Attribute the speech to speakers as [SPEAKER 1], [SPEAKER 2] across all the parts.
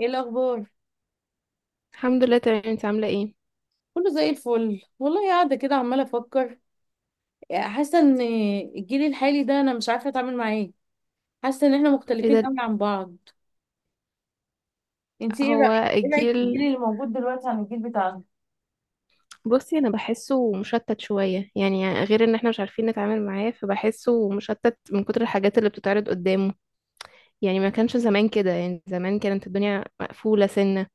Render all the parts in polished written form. [SPEAKER 1] ايه الاخبار؟
[SPEAKER 2] الحمد لله تمام، انت عامله ايه؟
[SPEAKER 1] كله زي الفل والله، قاعده كده عماله افكر. حاسه ان الجيل الحالي ده انا مش عارفه اتعامل معاه إيه. حاسه ان احنا
[SPEAKER 2] ايه
[SPEAKER 1] مختلفين
[SPEAKER 2] ده؟
[SPEAKER 1] قوي عن بعض. انتي ايه
[SPEAKER 2] هو
[SPEAKER 1] رايك ايه رايك في الجيل
[SPEAKER 2] الجيل،
[SPEAKER 1] اللي موجود دلوقتي عن الجيل بتاعنا؟
[SPEAKER 2] بصي انا بحسه مشتت شويه يعني، غير ان احنا مش عارفين نتعامل معاه فبحسه مشتت من كتر الحاجات اللي بتتعرض قدامه. يعني ما كانش زمان كده، يعني زمان كانت الدنيا مقفوله سنه.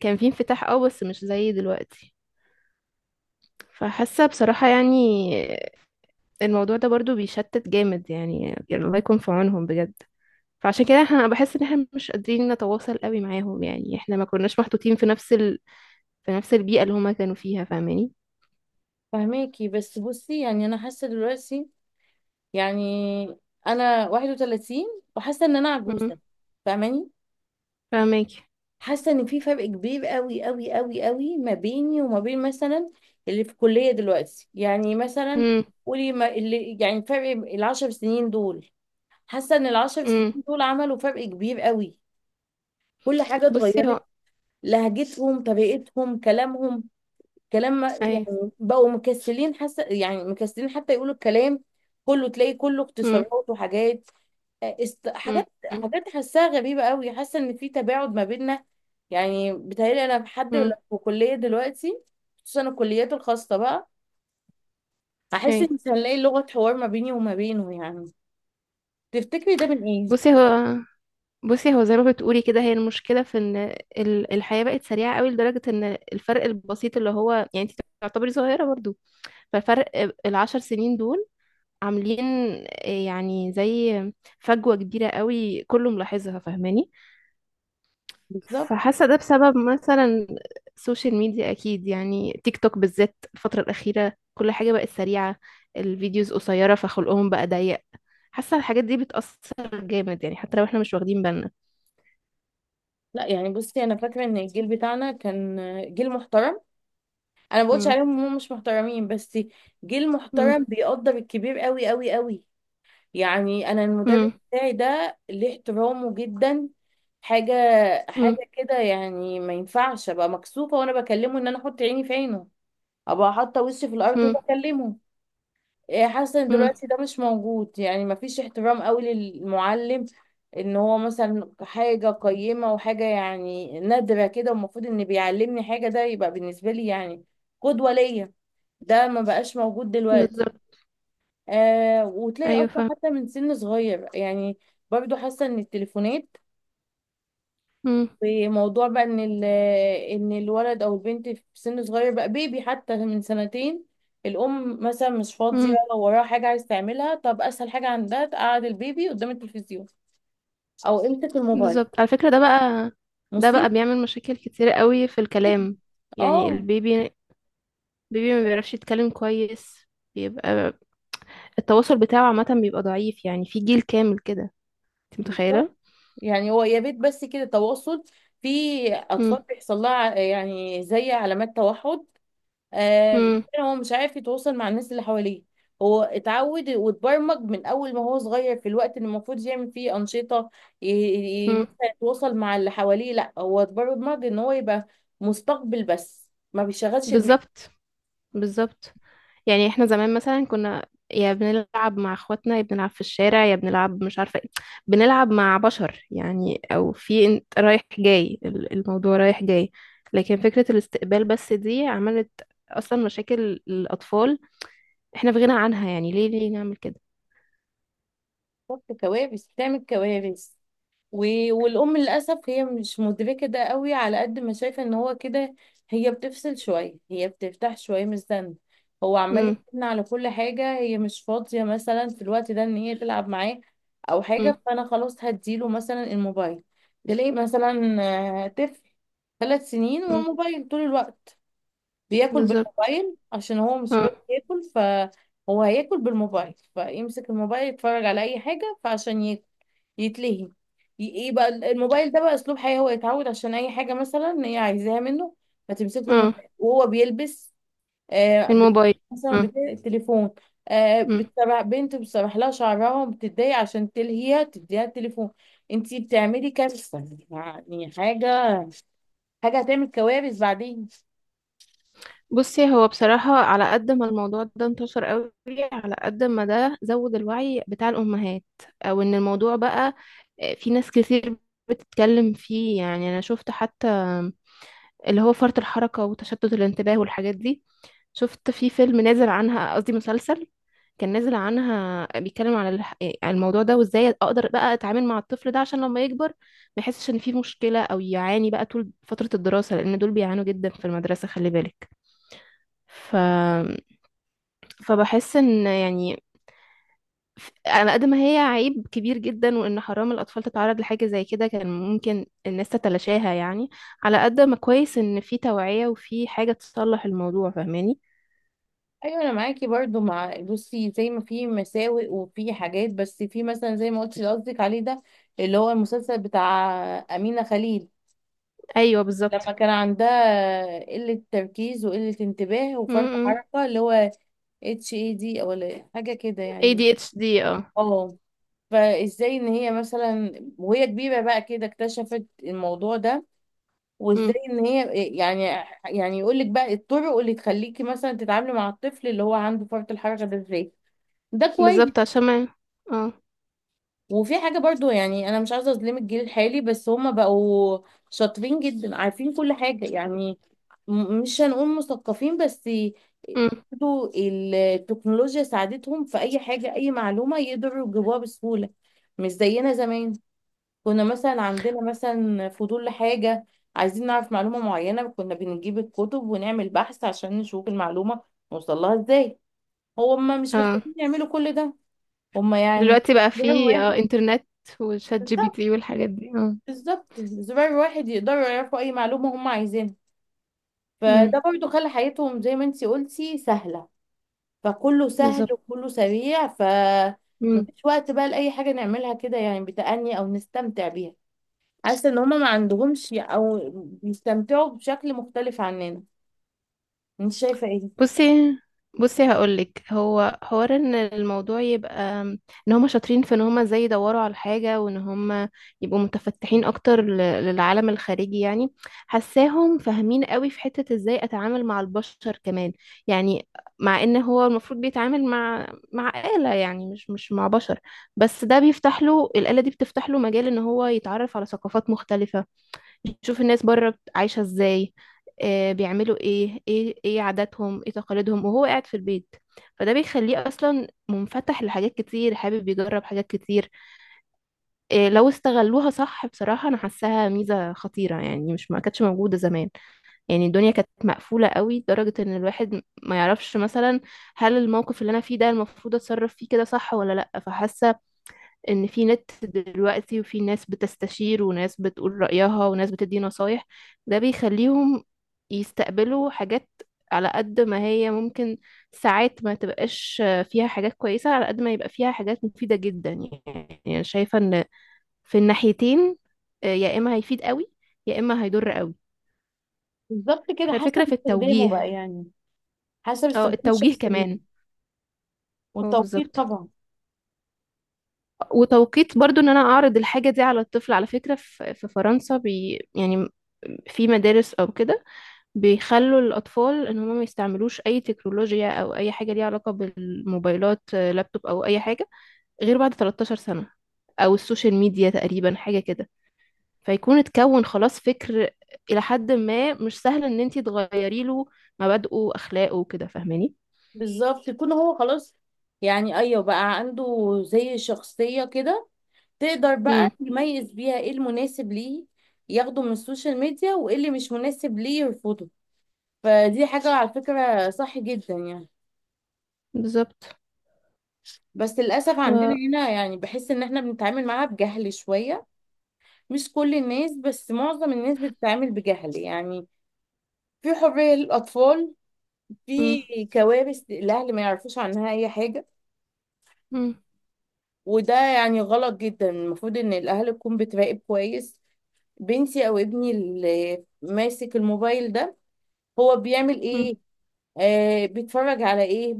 [SPEAKER 2] كان في انفتاح اه بس مش زي دلوقتي. فحاسه بصراحه يعني الموضوع ده برضو بيشتت جامد، يعني الله يكون في عونهم بجد. فعشان كده احنا بحس ان احنا مش قادرين نتواصل قوي معاهم، يعني احنا ما كناش محطوطين في نفس في نفس البيئة اللي هما كانوا فيها، فاهماني؟
[SPEAKER 1] فهماكي، بس بصي يعني انا حاسه دلوقتي يعني انا 31 وحاسه ان انا
[SPEAKER 2] امم.
[SPEAKER 1] عجوزه، فاهماني؟
[SPEAKER 2] فاهمك.
[SPEAKER 1] حاسه ان في فرق كبير قوي قوي قوي قوي ما بيني وما بين مثلا اللي في الكليه دلوقتي، يعني مثلا
[SPEAKER 2] امم.
[SPEAKER 1] قولي ما اللي يعني فرق ال10 سنين دول. حاسه ان ال10 سنين
[SPEAKER 2] امم.
[SPEAKER 1] دول عملوا فرق كبير قوي، كل حاجه
[SPEAKER 2] بصي
[SPEAKER 1] اتغيرت،
[SPEAKER 2] هو.
[SPEAKER 1] لهجتهم طريقتهم كلامهم، كلام
[SPEAKER 2] ايوه.
[SPEAKER 1] يعني بقوا مكسلين، حاسه يعني مكسلين حتى يقولوا الكلام، كله تلاقي كله
[SPEAKER 2] امم.
[SPEAKER 1] اختصارات وحاجات، است...
[SPEAKER 2] امم.
[SPEAKER 1] حاجات حاجات حاساها غريبة قوي، حاسة ان في تباعد ما بيننا. يعني بتهيألي انا بحد
[SPEAKER 2] امم.
[SPEAKER 1] في كلية دلوقتي، خصوصا الكليات الخاصة بقى، هحس
[SPEAKER 2] ايوه.
[SPEAKER 1] ان مش هنلاقي لغة حوار ما بيني وما بينه يعني. تفتكري ده من ايه؟
[SPEAKER 2] بصي هو بصي هو زي ما بتقولي كده، هي المشكلة في ان الحياة بقت سريعة قوي، لدرجة ان الفرق البسيط اللي هو يعني انت تعتبري صغيرة برضو، فالفرق العشر سنين دول عاملين يعني زي فجوة كبيرة قوي، كله ملاحظها، فاهماني؟
[SPEAKER 1] بالظبط.
[SPEAKER 2] فحاسة ده بسبب مثلا السوشيال ميديا، أكيد، يعني تيك توك بالذات الفترة الأخيرة، كل حاجة بقت سريعة، الفيديوز قصيرة فخلقهم بقى ضيق. حاسة الحاجات دي بتأثر جامد، يعني حتى لو احنا مش واخدين بالنا.
[SPEAKER 1] لا يعني بصي انا فاكرة ان الجيل بتاعنا كان جيل محترم، انا ما بقولش
[SPEAKER 2] مم.
[SPEAKER 1] عليهم ان هم مش محترمين، بس جيل
[SPEAKER 2] مم.
[SPEAKER 1] محترم بيقدر الكبير قوي قوي قوي. يعني انا المدرس
[SPEAKER 2] مم.
[SPEAKER 1] بتاعي ده ليه احترامه جدا، حاجة
[SPEAKER 2] مم.
[SPEAKER 1] حاجة كده، يعني ما ينفعش ابقى مكسوفة وانا بكلمه ان انا احط عيني في عينه، ابقى حاطة وشي في الارض
[SPEAKER 2] مم.
[SPEAKER 1] وبكلمه. إيه، حاسة ان
[SPEAKER 2] مم.
[SPEAKER 1] دلوقتي ده مش موجود، يعني ما فيش احترام قوي للمعلم، ان هو مثلا حاجة قيمة وحاجة يعني نادرة كده، والمفروض ان بيعلمني حاجة، ده يبقى بالنسبة لي يعني قدوة ليا. ده ما بقاش موجود دلوقتي.
[SPEAKER 2] بالظبط.
[SPEAKER 1] آه، وتلاقي
[SPEAKER 2] أيوة،
[SPEAKER 1] اصلا
[SPEAKER 2] فاهم.
[SPEAKER 1] حتى من سن صغير يعني برضو حاسه ان التليفونات
[SPEAKER 2] مم.
[SPEAKER 1] وموضوع بقى ان ان الولد او البنت في سن صغير بقى بيبي حتى من سنتين، الام مثلا مش فاضيه،
[SPEAKER 2] مم.
[SPEAKER 1] وراها حاجه عايز تعملها، طب اسهل حاجه عندها تقعد البيبي قدام التلفزيون او امسك الموبايل.
[SPEAKER 2] بالظبط، على فكرة ده بقى، ده بقى
[SPEAKER 1] مصيبه
[SPEAKER 2] بيعمل مشاكل كتير قوي في
[SPEAKER 1] جداً.
[SPEAKER 2] الكلام، يعني
[SPEAKER 1] اه،
[SPEAKER 2] البيبي، بيبي ما بيعرفش يتكلم كويس، بيبقى التواصل بتاعه عامة بيبقى ضعيف، يعني في جيل كامل كده، انت
[SPEAKER 1] بالظبط.
[SPEAKER 2] متخيلة؟
[SPEAKER 1] يعني هو يا بيت بس كده تواصل. في
[SPEAKER 2] مم.
[SPEAKER 1] اطفال بيحصل لها يعني زي علامات توحد. آه،
[SPEAKER 2] مم.
[SPEAKER 1] مثلا هو مش عارف يتواصل مع الناس اللي حواليه، هو اتعود واتبرمج من اول ما هو صغير في الوقت اللي المفروض يعمل فيه انشطه، ي-
[SPEAKER 2] مم.
[SPEAKER 1] مثلا يتواصل مع اللي حواليه، لا هو اتبرمج ان هو يبقى مستقبل بس ما بيشغلش دماغه.
[SPEAKER 2] بالظبط. بالظبط. يعني احنا زمان مثلا كنا يا بنلعب مع اخواتنا، يا بنلعب في الشارع، يا بنلعب مش عارفة ايه، بنلعب مع بشر يعني، او في انت رايح جاي، الموضوع رايح جاي. لكن فكرة الاستقبال بس دي عملت اصلا مشاكل الاطفال احنا في غنى عنها، يعني ليه نعمل كده؟
[SPEAKER 1] بتحط كوارث، بتعمل كوارث. والأم للأسف هي مش مدركة ده قوي، على قد ما شايفة ان هو كده، هي بتفصل شوية، هي بتفتح شوية من الزن، هو عمال
[SPEAKER 2] مم.
[SPEAKER 1] يتكلم على كل حاجة، هي مش فاضية مثلا في الوقت ده ان هي تلعب معاه أو حاجة،
[SPEAKER 2] مم.
[SPEAKER 1] فأنا خلاص هديله مثلا الموبايل. تلاقي مثلا آه، طفل 3 سنين
[SPEAKER 2] مم.
[SPEAKER 1] والموبايل طول الوقت، بياكل
[SPEAKER 2] بالظبط.
[SPEAKER 1] بالموبايل عشان هو مش
[SPEAKER 2] اه.
[SPEAKER 1] راضي ياكل، فهو هياكل بالموبايل، فيمسك الموبايل يتفرج على اي حاجة فعشان ياكل يتلهي. يبقى الموبايل ده بقى اسلوب حياة، هو يتعود عشان اي حاجة مثلا إن هي عايزاها منه، فتمسك له
[SPEAKER 2] اه.
[SPEAKER 1] الموبايل وهو بيلبس. آه بي-
[SPEAKER 2] الموبايل.
[SPEAKER 1] مثلا التليفون، آه
[SPEAKER 2] اه.
[SPEAKER 1] بتسرح بنت، بتسرح لها شعرها وبتتضايق، عشان تلهيها تديها التليفون. انتي بتعملي كارثة. يعني حاجة هتعمل كوارث بعدين.
[SPEAKER 2] بصي هو بصراحة، على قد ما الموضوع ده انتشر قوي، على قد ما ده زود الوعي بتاع الأمهات، أو إن الموضوع بقى آه، في ناس كتير بتتكلم فيه. يعني أنا شفت حتى اللي هو فرط الحركة وتشتت الانتباه والحاجات دي، شفت في فيلم نازل عنها، قصدي مسلسل، كان نازل عنها بيتكلم على على الموضوع ده، وازاي اقدر بقى اتعامل مع الطفل ده عشان لما يكبر ما يحسش ان في مشكلة او يعاني بقى طول فترة الدراسة، لان دول بيعانوا جدا في المدرسة، خلي بالك. فبحس ان يعني على قد ما هي عيب كبير جدا، وان حرام الاطفال تتعرض لحاجه زي كده، كان ممكن الناس تتلاشاها يعني، على قد ما كويس ان في توعيه وفي حاجه تصلح الموضوع، فاهماني؟
[SPEAKER 1] ايوه انا معاكي برضو، مع بصي زي ما في مساوئ وفي حاجات، بس في مثلا زي ما قلتي اللي قصدك عليه ده، اللي هو المسلسل بتاع امينه خليل،
[SPEAKER 2] ايوه،
[SPEAKER 1] لما
[SPEAKER 2] بالظبط.
[SPEAKER 1] كان عندها قله تركيز وقله انتباه وفرط
[SPEAKER 2] امم.
[SPEAKER 1] حركه، اللي هو اتش اي دي او حاجه كده يعني.
[SPEAKER 2] ADHD، اه.
[SPEAKER 1] اه، فازاي ان هي مثلا وهي كبيره بقى كده اكتشفت الموضوع ده، وازاي
[SPEAKER 2] امم.
[SPEAKER 1] ان هي إيه، يعني يعني يقول لك بقى الطرق اللي تخليكي مثلا تتعاملي مع الطفل اللي هو عنده فرط الحركه ده ازاي. ده كويس.
[SPEAKER 2] بالظبط، عشان ما. اه.
[SPEAKER 1] وفي حاجة برضو يعني، أنا مش عايزة أظلم الجيل الحالي، بس هما بقوا شاطرين جدا، عارفين كل حاجة يعني، مش هنقول مثقفين بس،
[SPEAKER 2] امم.
[SPEAKER 1] برضو التكنولوجيا ساعدتهم في أي حاجة، أي معلومة يقدروا يجيبوها بسهولة، مش زينا زمان. كنا مثلا عندنا مثلا فضول لحاجة، عايزين نعرف معلومة معينة، كنا بنجيب الكتب ونعمل بحث عشان نشوف المعلومة نوصلها ازاي. هما مش
[SPEAKER 2] اه،
[SPEAKER 1] محتاجين يعملوا كل ده. هما يعني
[SPEAKER 2] دلوقتي بقى
[SPEAKER 1] ده
[SPEAKER 2] في اه
[SPEAKER 1] واحد.
[SPEAKER 2] انترنت وشات جي بي تي والحاجات دي، اه.
[SPEAKER 1] بالظبط، زرار واحد يقدروا يعرفوا اي معلومة هم عايزينها.
[SPEAKER 2] امم.
[SPEAKER 1] فده برضو خلى حياتهم زي ما انتي قلتي سهلة، فكله سهل
[SPEAKER 2] بالظبط.
[SPEAKER 1] وكله سريع، ف مفيش وقت بقى لأي حاجة نعملها كده يعني بتأني أو نستمتع بيها. حاسة إن هما ما عندهمش، أو بيستمتعوا بشكل مختلف عننا. انت شايفة ايه؟
[SPEAKER 2] بصي. هقولك هو حوار ان الموضوع يبقى ان هما شاطرين في ان هما ازاي يدوروا على الحاجة، وان هما يبقوا متفتحين اكتر للعالم الخارجي يعني. حساهم فاهمين قوي في حتة ازاي اتعامل مع البشر كمان، يعني مع ان هو المفروض بيتعامل مع مع آلة، يعني مش مع بشر، بس ده بيفتح له، الآلة دي بتفتح له مجال ان هو يتعرف على ثقافات مختلفة، بتشوف الناس بره عايشة ازاي، آه، بيعملوا ايه، ايه ايه عاداتهم، ايه تقاليدهم، وهو قاعد في البيت. فده بيخليه اصلا منفتح لحاجات كتير، حابب يجرب حاجات كتير. إيه، لو استغلوها صح بصراحة انا حاساها ميزة خطيرة، يعني مش ما كانتش موجودة زمان، يعني الدنيا كانت مقفولة قوي لدرجة ان الواحد ما يعرفش مثلا هل الموقف اللي انا فيه ده المفروض اتصرف فيه كده صح ولا لا. فحاسة ان في نت دلوقتي، وفي ناس بتستشير، وناس بتقول رأيها، وناس بتدي نصايح، ده بيخليهم يستقبلوا حاجات على قد ما هي ممكن ساعات ما تبقاش فيها حاجات كويسة، على قد ما يبقى فيها حاجات مفيدة جدا. يعني أنا شايفة ان في الناحيتين، آه، يا اما هيفيد قوي يا اما هيضر قوي.
[SPEAKER 1] بالظبط كده، حسب
[SPEAKER 2] فالفكرة في
[SPEAKER 1] استخدامه بقى
[SPEAKER 2] التوجيه،
[SPEAKER 1] يعني، حسب
[SPEAKER 2] اه
[SPEAKER 1] استخدام
[SPEAKER 2] التوجيه
[SPEAKER 1] الشخص ليه،
[SPEAKER 2] كمان. اه،
[SPEAKER 1] والتوقيت
[SPEAKER 2] بالظبط.
[SPEAKER 1] طبعا.
[SPEAKER 2] وتوقيت برضو ان انا اعرض الحاجة دي على الطفل. على فكرة في في فرنسا، بي يعني، في مدارس او كده، بيخلوا الاطفال ان هم ما يستعملوش اي تكنولوجيا او اي حاجة ليها علاقة بالموبايلات، آه، لابتوب او اي حاجة، غير بعد 13 سنة، او السوشيال ميديا، تقريبا حاجة كده، فيكون اتكون خلاص فكر الى حد ما، مش سهل ان انتي تغيري له مبادئه واخلاقه وكده، فاهماني؟
[SPEAKER 1] بالظبط، يكون هو خلاص، يعني أيوه بقى عنده زي شخصية كده، تقدر
[SPEAKER 2] امم.
[SPEAKER 1] بقى يميز بيها ايه المناسب ليه ياخده من السوشيال ميديا، وايه اللي مش مناسب ليه يرفضه. فدي حاجة على فكرة صح جدا يعني.
[SPEAKER 2] بالظبط.
[SPEAKER 1] بس للأسف
[SPEAKER 2] ف...
[SPEAKER 1] عندنا هنا يعني بحس إن احنا بنتعامل معاها بجهل شوية، مش كل الناس بس معظم الناس بتتعامل بجهل يعني، في حرية للأطفال،
[SPEAKER 2] مم.
[SPEAKER 1] في كوارث الأهل ما يعرفوش عنها أي حاجة.
[SPEAKER 2] مم.
[SPEAKER 1] وده يعني غلط جدا، المفروض إن الأهل تكون بتراقب كويس، بنتي أو ابني اللي ماسك الموبايل ده هو بيعمل
[SPEAKER 2] مم.
[SPEAKER 1] ايه، آه بيتفرج على ايه،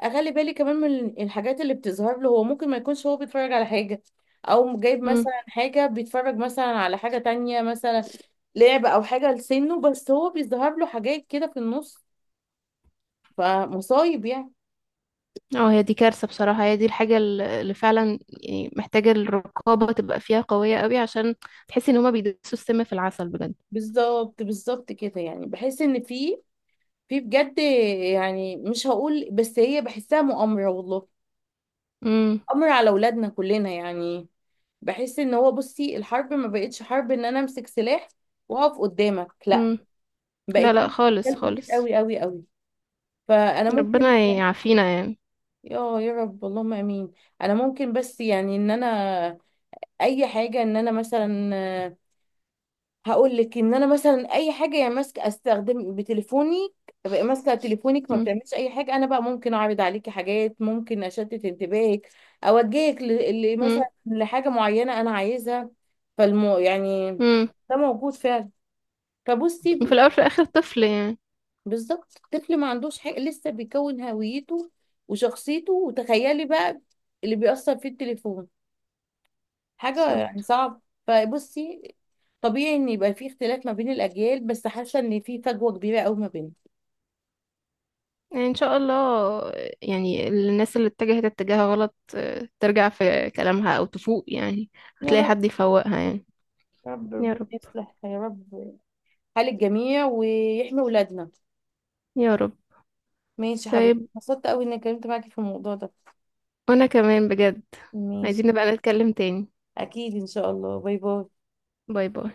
[SPEAKER 1] اخلي بالي كمان من الحاجات اللي بتظهر له. هو ممكن ما يكونش هو بيتفرج على حاجة او جايب
[SPEAKER 2] مم.
[SPEAKER 1] مثلا حاجة، بيتفرج مثلا على حاجة تانية مثلا لعب او حاجة لسنه، بس هو بيظهر له حاجات كده في النص، فمصايب يعني.
[SPEAKER 2] اه، هي دي كارثة بصراحة، هي دي الحاجة اللي فعلا يعني محتاجة الرقابة تبقى فيها قوية قوي، عشان تحسي ان هما بيدسوا السم في العسل بجد.
[SPEAKER 1] بالظبط بالظبط كده، يعني بحس ان في بجد، يعني مش هقول، بس هي بحسها مؤامرة والله،
[SPEAKER 2] امم.
[SPEAKER 1] أمر على أولادنا كلنا يعني. بحس ان هو بصي الحرب ما بقتش حرب ان انا امسك سلاح واقف قدامك، لا،
[SPEAKER 2] امم.
[SPEAKER 1] بقت
[SPEAKER 2] لا لا،
[SPEAKER 1] لي
[SPEAKER 2] خالص
[SPEAKER 1] اشكال كتير
[SPEAKER 2] خالص.
[SPEAKER 1] قوي قوي قوي. فانا ممكن
[SPEAKER 2] ربنا يعافينا يعني.
[SPEAKER 1] يا رب اللهم امين. انا ممكن بس يعني ان انا اي حاجه، ان انا مثلا هقول لك ان انا مثلا اي حاجه يعني ماسكه، استخدم بتليفوني بقى، ماسكه تليفونك ما
[SPEAKER 2] امم.
[SPEAKER 1] بتعملش اي حاجه، انا بقى ممكن اعرض عليكي حاجات، ممكن اشتت انتباهك، اوجهك مثلا
[SPEAKER 2] امم.
[SPEAKER 1] لحاجه معينه انا عايزها. فالمو يعني
[SPEAKER 2] امم.
[SPEAKER 1] ده موجود فعلا. فبصي
[SPEAKER 2] وفي الاول في الاخر طفل يعني.
[SPEAKER 1] بالظبط الطفل ما عندوش حاجه لسه، بيكون هويته وشخصيته، وتخيلي بقى اللي بيأثر فيه التليفون حاجه يعني
[SPEAKER 2] بالظبط.
[SPEAKER 1] صعب. فبصي طبيعي ان يبقى في اختلاف ما بين الاجيال، بس حاسه ان في فجوه كبيره قوي ما بينهم.
[SPEAKER 2] يعني ان شاء الله، يعني الناس اللي اتجهت اتجاه غلط آه، ترجع في كلامها او تفوق يعني،
[SPEAKER 1] يا
[SPEAKER 2] هتلاقي
[SPEAKER 1] رب،
[SPEAKER 2] حد يفوقها يعني.
[SPEAKER 1] يا رب
[SPEAKER 2] يا
[SPEAKER 1] ربنا
[SPEAKER 2] رب.
[SPEAKER 1] يصلح يا رب حال الجميع ويحمي ولادنا.
[SPEAKER 2] يا رب.
[SPEAKER 1] ماشي يا حبيبتي،
[SPEAKER 2] طيب.
[SPEAKER 1] انبسطت قوي اني اتكلمت معاكي في الموضوع ده.
[SPEAKER 2] وانا كمان بجد،
[SPEAKER 1] ماشي،
[SPEAKER 2] عايزين نبقى نتكلم تاني.
[SPEAKER 1] اكيد ان شاء الله، باي باي.
[SPEAKER 2] باي باي.